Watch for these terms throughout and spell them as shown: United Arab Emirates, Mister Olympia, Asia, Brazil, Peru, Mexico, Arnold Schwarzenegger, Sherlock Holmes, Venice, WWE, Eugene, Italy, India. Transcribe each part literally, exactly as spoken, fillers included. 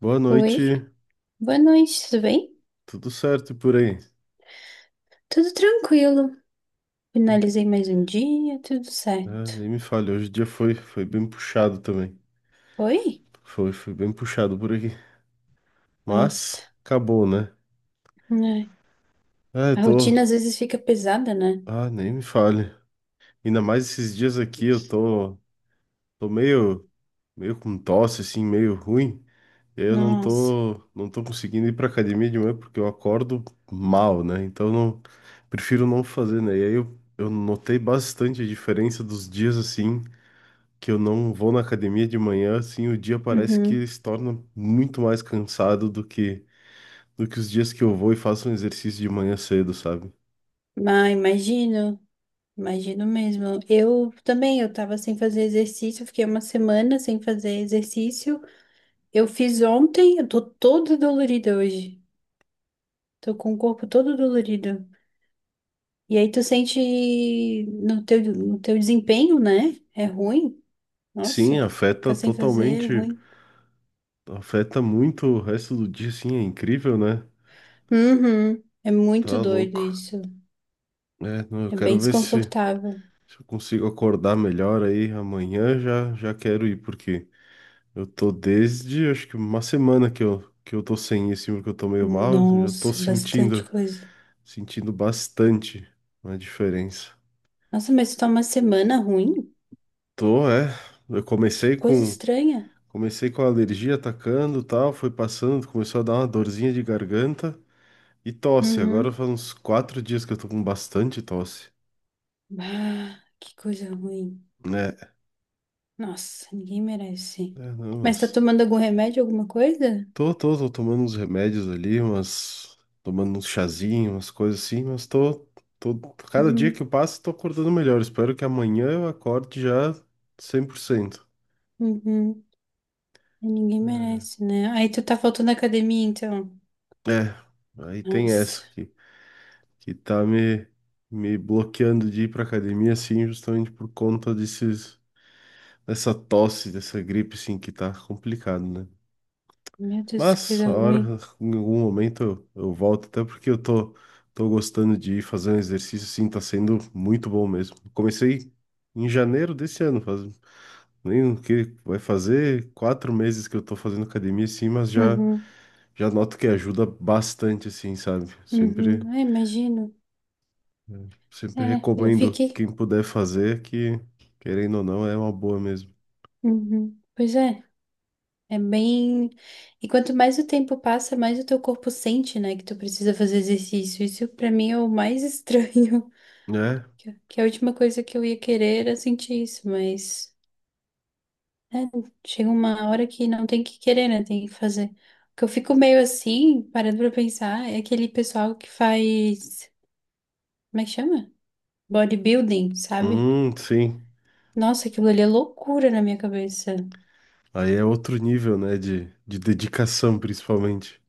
Boa Oi, noite, boa noite, tudo bem? tudo certo por aí? Tudo tranquilo. Finalizei mais um dia, tudo Ah, certo. nem me fale, hoje o dia foi, foi bem puxado também. Oi? Foi, foi bem puxado por aqui. Nossa, Mas acabou, né? né? Ah, eu A tô. rotina às vezes fica pesada, né? Ah, nem me fale. Ainda mais esses dias aqui eu tô, tô meio, meio com tosse, assim, meio ruim. E aí Eu não Nossa. tô, não tô conseguindo ir pra academia de manhã porque eu acordo mal, né? Então não, prefiro não fazer, né? E aí eu, eu notei bastante a diferença dos dias assim, que eu não vou na academia de manhã, assim, o dia parece que Uhum. se torna muito mais cansado do que do que os dias que eu vou e faço um exercício de manhã cedo, sabe? Ah, imagino, imagino mesmo. Eu também, eu tava sem fazer exercício, fiquei uma semana sem fazer exercício. Eu fiz ontem, eu tô toda dolorida hoje. Tô com o corpo todo dolorido. E aí tu sente no teu, no teu desempenho, né? É ruim. Sim, Nossa, afeta ficar sem fazer é totalmente, ruim. afeta muito o resto do dia, assim, é incrível, né? Uhum. É muito Tá doido louco. isso. É, não, eu É bem quero ver se, desconfortável. se eu consigo acordar melhor aí amanhã, já já quero ir, porque eu tô desde, acho que uma semana que eu que eu tô sem isso, porque eu tô meio mal, eu já tô Nossa, é bastante sentindo coisa. Sentindo bastante uma diferença. Nossa, mas tá uma semana ruim? Tô, é. Eu Que comecei coisa com estranha. comecei com a alergia atacando, tal, foi passando, começou a dar uma dorzinha de garganta e tosse. Agora Uhum. faz uns quatro dias que eu tô com bastante tosse, Ah, que coisa ruim. né? Nossa, ninguém merece. É, não, Mas tá mas tomando algum remédio, alguma coisa? tô, tô, tô tomando uns remédios ali, umas tomando uns chazinhos, umas coisas assim, mas tô, tô cada dia Uhum. que eu passo tô acordando melhor. Espero que amanhã eu acorde já cem por cento. Uhum. Ninguém merece, né? Aí tu tá faltando na academia, então. É, aí tem Nossa, essa aqui, que tá me, me bloqueando de ir pra academia, assim, justamente por conta desses, dessa tosse, dessa gripe, assim, que tá complicado, né? meu Deus, que Mas, coisa a ruim. hora, em algum momento eu, eu volto, até porque eu tô, tô gostando de ir fazer um exercício, assim, tá sendo muito bom mesmo. Comecei em janeiro desse ano, faz nem o que vai fazer quatro meses que eu tô fazendo academia, assim, mas já, Uhum. já noto que ajuda bastante, assim, sabe? Uhum. Sempre Ah, imagino. Eu sempre É, eu recomendo fiquei. quem puder fazer, que querendo ou não, é uma boa mesmo. Uhum. Pois é, é bem. E quanto mais o tempo passa, mais o teu corpo sente, né, que tu precisa fazer exercício. Isso pra mim é o mais estranho. É? Que que a última coisa que eu ia querer era sentir isso, mas né, chega uma hora que não tem que querer, né, tem que fazer. O que eu fico meio assim, parando pra pensar, é aquele pessoal que faz. Como é que chama? Bodybuilding, sabe? Hum, sim. Nossa, aquilo ali é loucura na minha cabeça. Aí é outro nível, né? De, de dedicação, principalmente.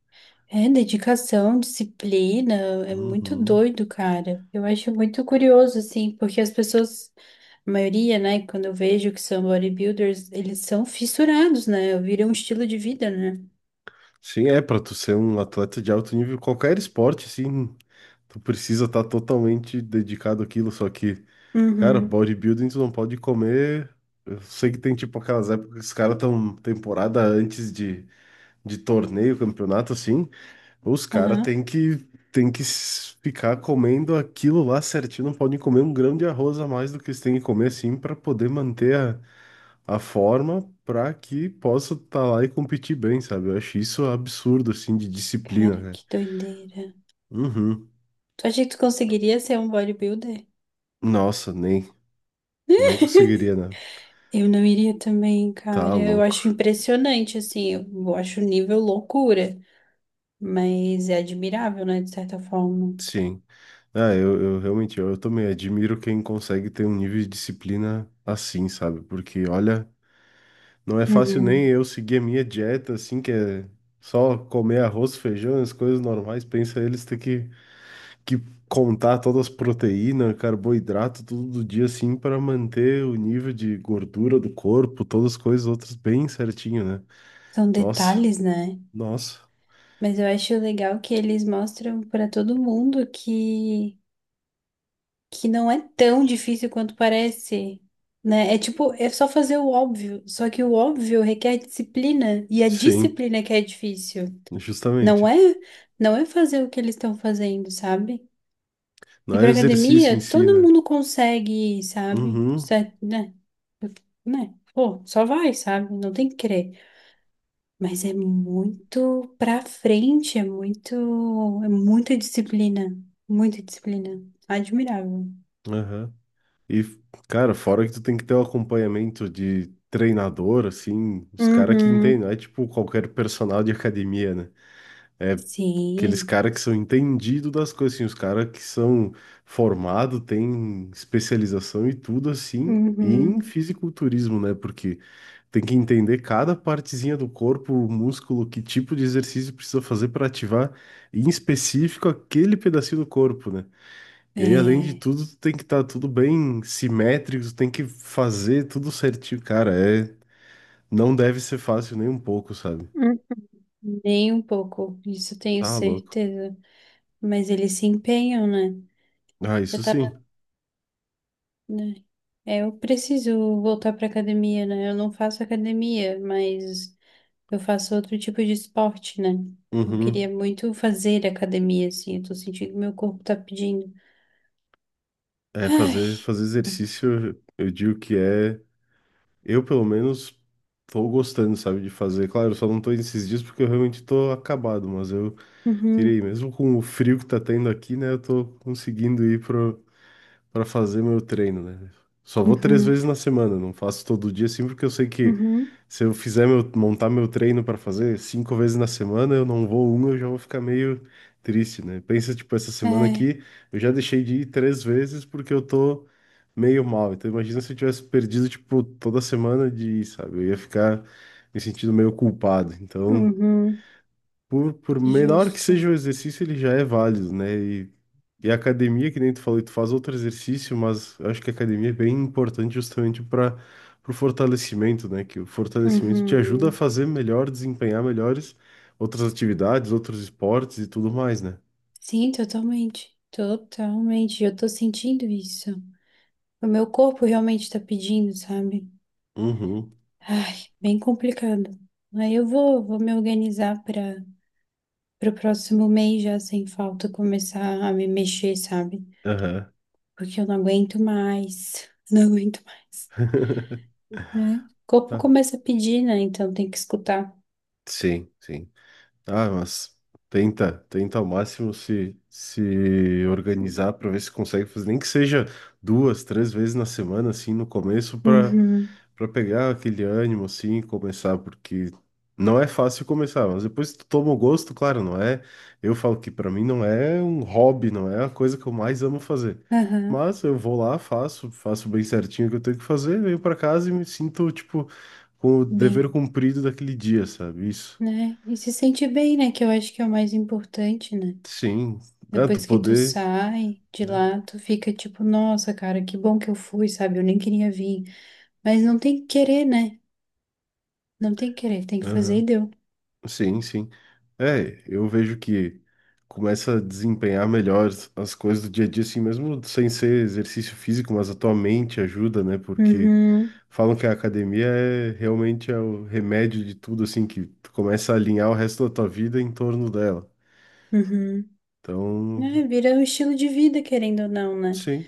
É dedicação, disciplina, é muito Uhum. doido, cara. Eu acho muito curioso, assim, porque as pessoas, a maioria, né, quando eu vejo que são bodybuilders, eles são fissurados, né? Viram um estilo de vida, né? Sim, é, pra tu ser um atleta de alto nível, qualquer esporte, sim, tu precisa estar totalmente dedicado àquilo, só que, cara, Uhum, bodybuilding tu não pode comer. Eu sei que tem tipo aquelas épocas que os caras estão temporada antes de, de torneio, campeonato, assim. Os caras aham. têm que, têm que s- ficar comendo aquilo lá certinho, não podem comer um grão de arroz a mais do que eles têm que comer, assim, para poder manter a, a forma, para que possa estar lá e competir bem, sabe? Eu acho isso absurdo, assim, de disciplina, Cara, né? que doideira. Uhum. Tu acha que tu conseguiria ser um bodybuilder? Nossa, nem, não conseguiria, né? Eu não iria também, Tá cara. Eu louco. acho impressionante, assim, eu acho o nível loucura, mas é admirável, né, de certa forma. Sim. Ah, eu, eu realmente, eu, eu também admiro quem consegue ter um nível de disciplina assim, sabe? Porque, olha. Não é fácil nem Uhum. eu seguir a minha dieta, assim, que é só comer arroz, feijão, as coisas normais. Pensa eles ter que, que contar todas as proteínas, carboidrato, tudo do dia, assim, para manter o nível de gordura do corpo, todas as coisas outras bem certinho, né? São Nossa, detalhes, né? nossa. Mas eu acho legal que eles mostram para todo mundo que, que não é tão difícil quanto parece, né? É tipo, é só fazer o óbvio, só que o óbvio requer disciplina, e a Sim, disciplina que é difícil. Não justamente. é, não é fazer o que eles estão fazendo, sabe? E Não é para academia, exercício em si, todo né? mundo consegue ir, sabe? Uhum, Certo, né? Né? Pô, só vai, sabe? Não tem que querer. Mas é muito pra frente, é muito, é muita disciplina, muita disciplina. Admirável. aham. E, cara, fora que tu tem que ter o acompanhamento de treinador, assim, os caras que entendem, Uhum. não é tipo qualquer personal de academia, né? É aqueles Sim. caras que são entendidos das coisas, assim, os caras que são formados, têm especialização e tudo assim, e em Uhum. fisiculturismo, né? Porque tem que entender cada partezinha do corpo, o músculo, que tipo de exercício precisa fazer para ativar, em específico, aquele pedacinho do corpo, né? E aí, além de É, tudo, tu tem que estar tudo bem simétrico, tu tem que fazer tudo certinho. Cara, é... não deve ser fácil nem um pouco, sabe? uhum, nem um pouco, isso tenho Tá louco. certeza. Mas eles se empenham, né? Ah, Eu isso tava, sim. né? É, eu preciso voltar pra academia, né? Eu não faço academia, mas eu faço outro tipo de esporte, né? Eu queria Uhum. muito fazer academia, assim. Eu tô sentindo que meu corpo tá pedindo. É, Ai, fazer, fazer exercício, eu eu digo que é. Eu, pelo menos, tô gostando, sabe, de fazer. Claro, eu só não tô indo esses dias porque eu realmente tô acabado, mas eu queria uhum, ir. Mesmo com o frio que tá tendo aqui, né, eu tô conseguindo ir pra para fazer meu treino, né? Só vou três uhum, vezes na semana, não faço todo dia, assim, porque eu sei que uhum, se eu fizer meu, montar meu treino para fazer cinco vezes na semana, eu não vou uma, eu já vou ficar meio triste, né? Pensa, tipo, essa semana é, aqui, eu já deixei de ir três vezes porque eu tô meio mal. Então imagina se eu tivesse perdido, tipo, toda semana de ir, sabe? Eu ia ficar me sentindo meio culpado. Então uhum, por, por menor que justo. seja o exercício, ele já é válido, né? E, e a academia, que nem tu falou, tu faz outro exercício, mas eu acho que a academia é bem importante justamente para o fortalecimento, né? Que o fortalecimento te ajuda a Uhum. fazer melhor, desempenhar melhores outras atividades, outros esportes e tudo mais, né? Sim, totalmente. Totalmente. Eu tô sentindo isso. O meu corpo realmente tá pedindo, sabe? Uhum. Ai, bem complicado. Aí eu vou, vou me organizar para para o próximo mês já sem falta começar a me mexer, sabe? Aham. Porque eu não aguento mais. Não aguento mais, né? O corpo Ah, começa a pedir, né? Então tem que escutar. sim, sim. Ah, mas tenta, tenta ao máximo se, se organizar para ver se consegue fazer, nem que seja duas, três vezes na semana, assim, no começo, para Uhum. para pegar aquele ânimo, assim, e começar, porque não é fácil começar, mas depois tu toma o gosto, claro, não é. Eu falo que para mim não é um hobby, não é a coisa que eu mais amo fazer. Aham, Mas eu vou lá, faço, faço bem certinho o que eu tenho que fazer, venho para casa e me sinto, tipo, com o dever bem, cumprido daquele dia, sabe? Isso. né? E se sente bem, né? Que eu acho que é o mais importante, né? Sim, é, tu Depois que tu poder, sai de né? lá, tu fica tipo, nossa, cara, que bom que eu fui, sabe? Eu nem queria vir. Mas não tem que querer, né? Não tem que querer, tem que fazer e Aham. deu. Sim, sim. É, eu vejo que começa a desempenhar melhor as as coisas do dia a dia, assim, mesmo sem ser exercício físico, mas a tua mente ajuda, né? Porque Uhum, falam que a academia é realmente é o remédio de tudo, assim, que tu começa a alinhar o resto da tua vida em torno dela. uhum. Então, É, vira um estilo de vida, querendo ou não, né? sim.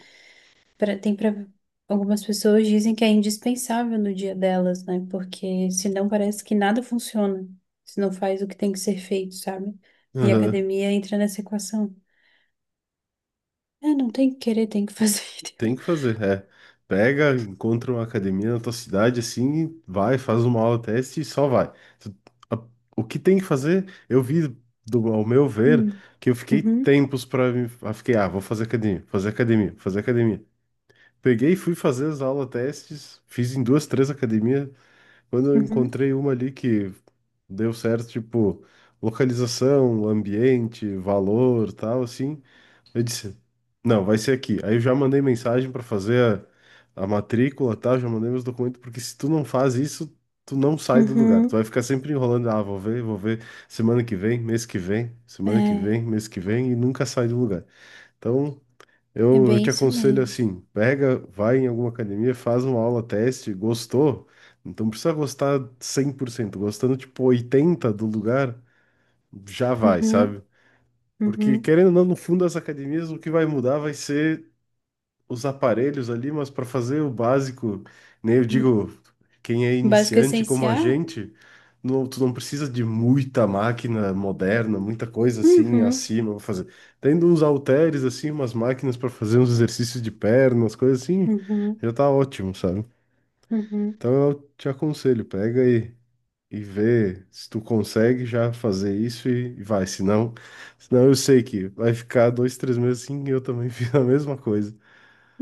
pra- tem para algumas pessoas dizem que é indispensável no dia delas, né? Porque senão parece que nada funciona, se não faz o que tem que ser feito, sabe? E a Aham. academia entra nessa equação. É, não tem que querer, tem que fazer. Entendeu? Tem que fazer, é. Pega, encontra uma academia na tua cidade, assim, vai, faz uma aula teste e só vai. Tu- a- O que tem que fazer, eu vi, do, ao meu ver, Hum, que eu fiquei uhum, tempos para me. ah, Fiquei, ah, vou fazer academia, fazer academia, fazer academia. Peguei e fui fazer as aulas testes, fiz em duas, três academias. Quando eu uhum, encontrei uma ali que deu certo, tipo, localização, ambiente, valor, tal, assim. Eu disse, não, vai ser aqui. Aí eu já mandei mensagem para fazer a, a matrícula, tá? Já mandei meus documentos, porque se tu não faz isso, tu não sai do lugar. Tu uhum. vai ficar sempre enrolando, ah, vou ver, vou ver semana que vem, mês que vem, semana que É, vem, mês que vem, e nunca sai do lugar. Então, é eu, eu bem te isso aconselho mesmo. assim, pega, vai em alguma academia, faz uma aula teste, gostou? Então, precisa gostar cem por cento. Gostando tipo oitenta do lugar, já vai, Uhum, sabe? Porque, uhum. querendo ou não, no fundo das academias, o que vai mudar vai ser os aparelhos ali, mas para fazer o básico, né? Eu digo, quem é Básico iniciante como a essencial? gente, não, tu não precisa de muita máquina moderna, muita coisa assim Uhum, acima pra fazer. Tendo uns halteres, assim, umas máquinas para fazer uns exercícios de pernas, coisas assim, uhum, já tá ótimo, sabe? uhum. Então eu te aconselho, pega aí e ver se tu consegue já fazer isso e, e vai. Senão, senão eu sei que vai ficar dois, três meses assim e eu também fiz a mesma coisa.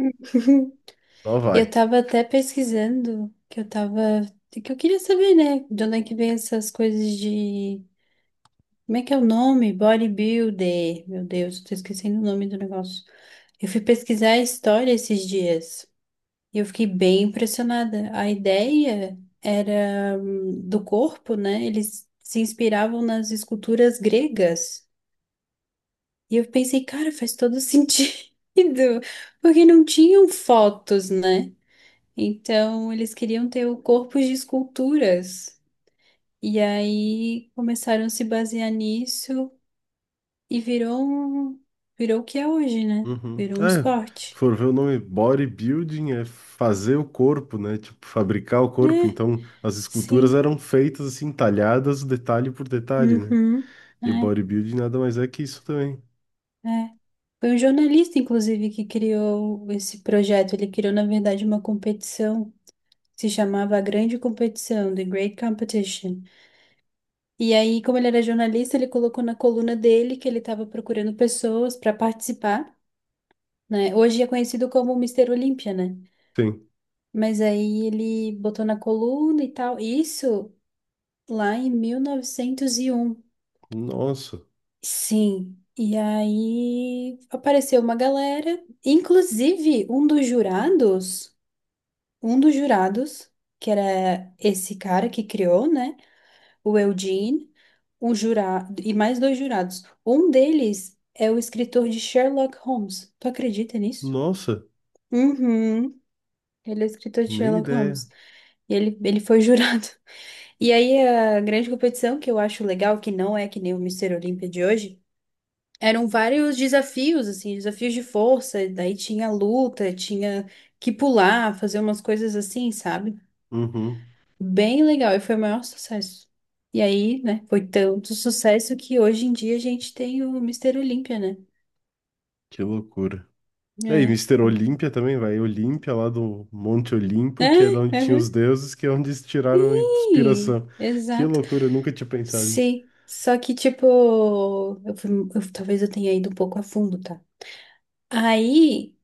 Só Eu vai. tava até pesquisando, que eu tava, que eu queria saber, né, de onde é que vem essas coisas de, como é que é o nome? Bodybuilder. Meu Deus, tô esquecendo o nome do negócio. Eu fui pesquisar a história esses dias e eu fiquei bem impressionada. A ideia era hum, do corpo, né? Eles se inspiravam nas esculturas gregas. E eu pensei, cara, faz todo sentido, porque não tinham fotos, né? Então, eles queriam ter o corpo de esculturas. E aí começaram a se basear nisso e virou um, virou o que é hoje, né? Uhum. Virou um É, se esporte. for ver o nome bodybuilding é fazer o corpo, né? Tipo, fabricar o corpo. É, Então, as esculturas sim. eram feitas assim, talhadas detalhe por detalhe, né? Uhum. E o É, bodybuilding nada mais é que isso também. é. Foi um jornalista, inclusive, que criou esse projeto. Ele criou, na verdade, uma competição. Se chamava A Grande Competição, The Great Competition. E aí, como ele era jornalista, ele colocou na coluna dele que ele estava procurando pessoas para participar, né? Hoje é conhecido como Mister Olímpia, né? Sim. Mas aí ele botou na coluna e tal. Isso lá em mil novecentos e um. Nossa, Sim. E aí apareceu uma galera, inclusive um dos jurados, um dos jurados, que era esse cara que criou, né? O Eugene, um jurado e mais dois jurados. Um deles é o escritor de Sherlock Holmes. Tu acredita nisso? nossa, Uhum. Ele é escritor de nem Sherlock Holmes. ideia. E ele, ele foi jurado. E aí a grande competição, que eu acho legal, que não é que nem o Mister Olímpia de hoje, eram vários desafios, assim, desafios de força, daí tinha luta, tinha que pular, fazer umas coisas assim, sabe? Uhum. Bem legal, e foi o maior sucesso. E aí, né, foi tanto sucesso que hoje em dia a gente tem o Mister Olímpia, né? Que loucura. É, e É. Mister Olímpia também, vai. Olímpia, lá do Monte É, Olimpo, que é de onde tinha os aham. deuses, que é onde eles tiraram a Sim, inspiração. Que exato. loucura, eu nunca tinha pensado nisso. Sim, só que tipo, eu fui- eu- talvez eu tenha ido um pouco a fundo, tá? Aí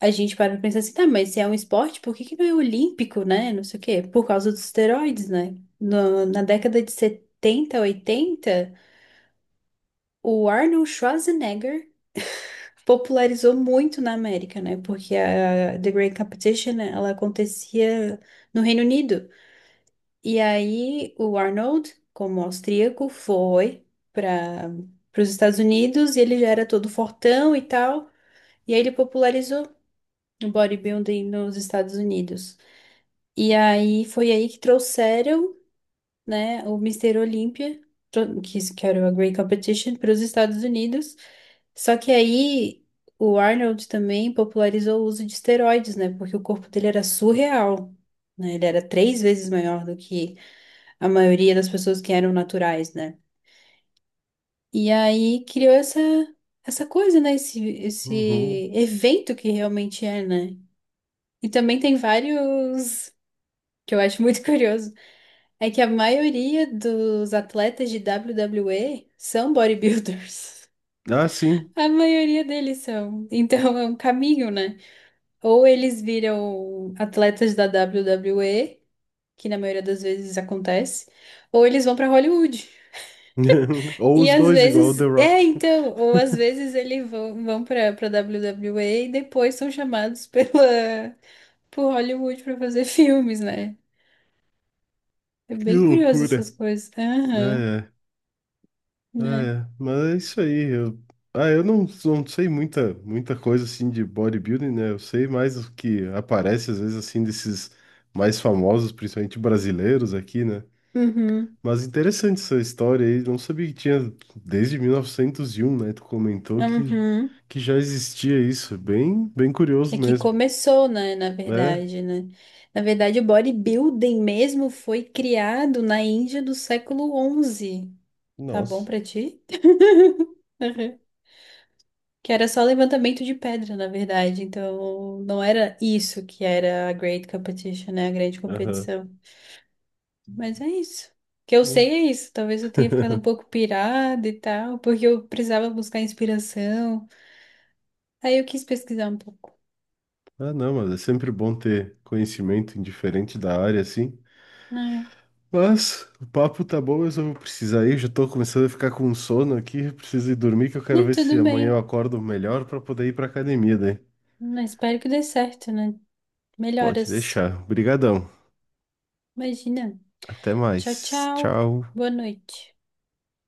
a gente para pra pensar assim, tá, mas se é um esporte, por que que não é olímpico, né? Não sei o quê. Por causa dos esteroides, né? No- na década de setenta oitenta o Arnold Schwarzenegger popularizou muito na América, né? Porque a The Great Competition, né, ela acontecia no Reino Unido. E aí o Arnold, como austríaco, foi para os Estados Unidos e ele já era todo fortão e tal. E aí ele popularizou no bodybuilding nos Estados Unidos. E aí foi aí que trouxeram, né, o Mister Olympia, tro- que isso que era o Great Competition, para os Estados Unidos. Só que aí o Arnold também popularizou o uso de esteroides, né, porque o corpo dele era surreal, né, ele era três vezes maior do que a maioria das pessoas que eram naturais, né. E aí criou essa essa coisa, né? Esse, Uhum. esse evento que realmente é, né? E também tem vários, que eu acho muito curioso, é que a maioria dos atletas de W W E são bodybuilders. Ah, sim. A maioria deles são. Então é um caminho, né? Ou eles viram atletas da W W E, que na maioria das vezes acontece, ou eles vão pra Hollywood. Ou E os às dois, igual o The vezes, é, Rock. então, ou às vezes eles vão, vão para para WWE e e depois são chamados pela por Hollywood pra fazer filmes, né? É Que bem curioso essas loucura. coisas. Aham, É, é, ah, né? é. Mas é isso aí. Eu... Ah, eu não, não sei muita, muita coisa assim de bodybuilding, né? Eu sei mais o que aparece às vezes assim desses mais famosos, principalmente brasileiros aqui, né? Uhum, Mas interessante essa história aí. Não sabia que tinha desde mil novecentos e um, né? Tu comentou que, uhum. que já existia isso. Bem, bem É curioso que mesmo, começou, né, na né? verdade, né? Na verdade, o bodybuilding mesmo foi criado na Índia do século onze. Tá bom Nossa. pra ti? Uhum. Que era só levantamento de pedra, na verdade. Então, não era isso que era a Great Competition, né? A grande Aham. competição. Mas é isso. O que eu sei Bom. é isso. Talvez eu tenha ficado um pouco pirada e tal, porque eu precisava buscar inspiração. Aí eu quis pesquisar um pouco. Ah, não, mas é sempre bom ter conhecimento indiferente da área, assim. Ai. Mas o papo tá bom, mas eu vou precisar ir. Já tô começando a ficar com sono aqui. Eu Preciso ir dormir, que eu quero Não, ver se tudo amanhã eu bem. acordo melhor para poder ir pra academia daí. Mas espero que dê certo, né? Pode Melhoras. deixar. Obrigadão. Imagina. Até Tchau, mais. tchau. Tchau. Boa noite.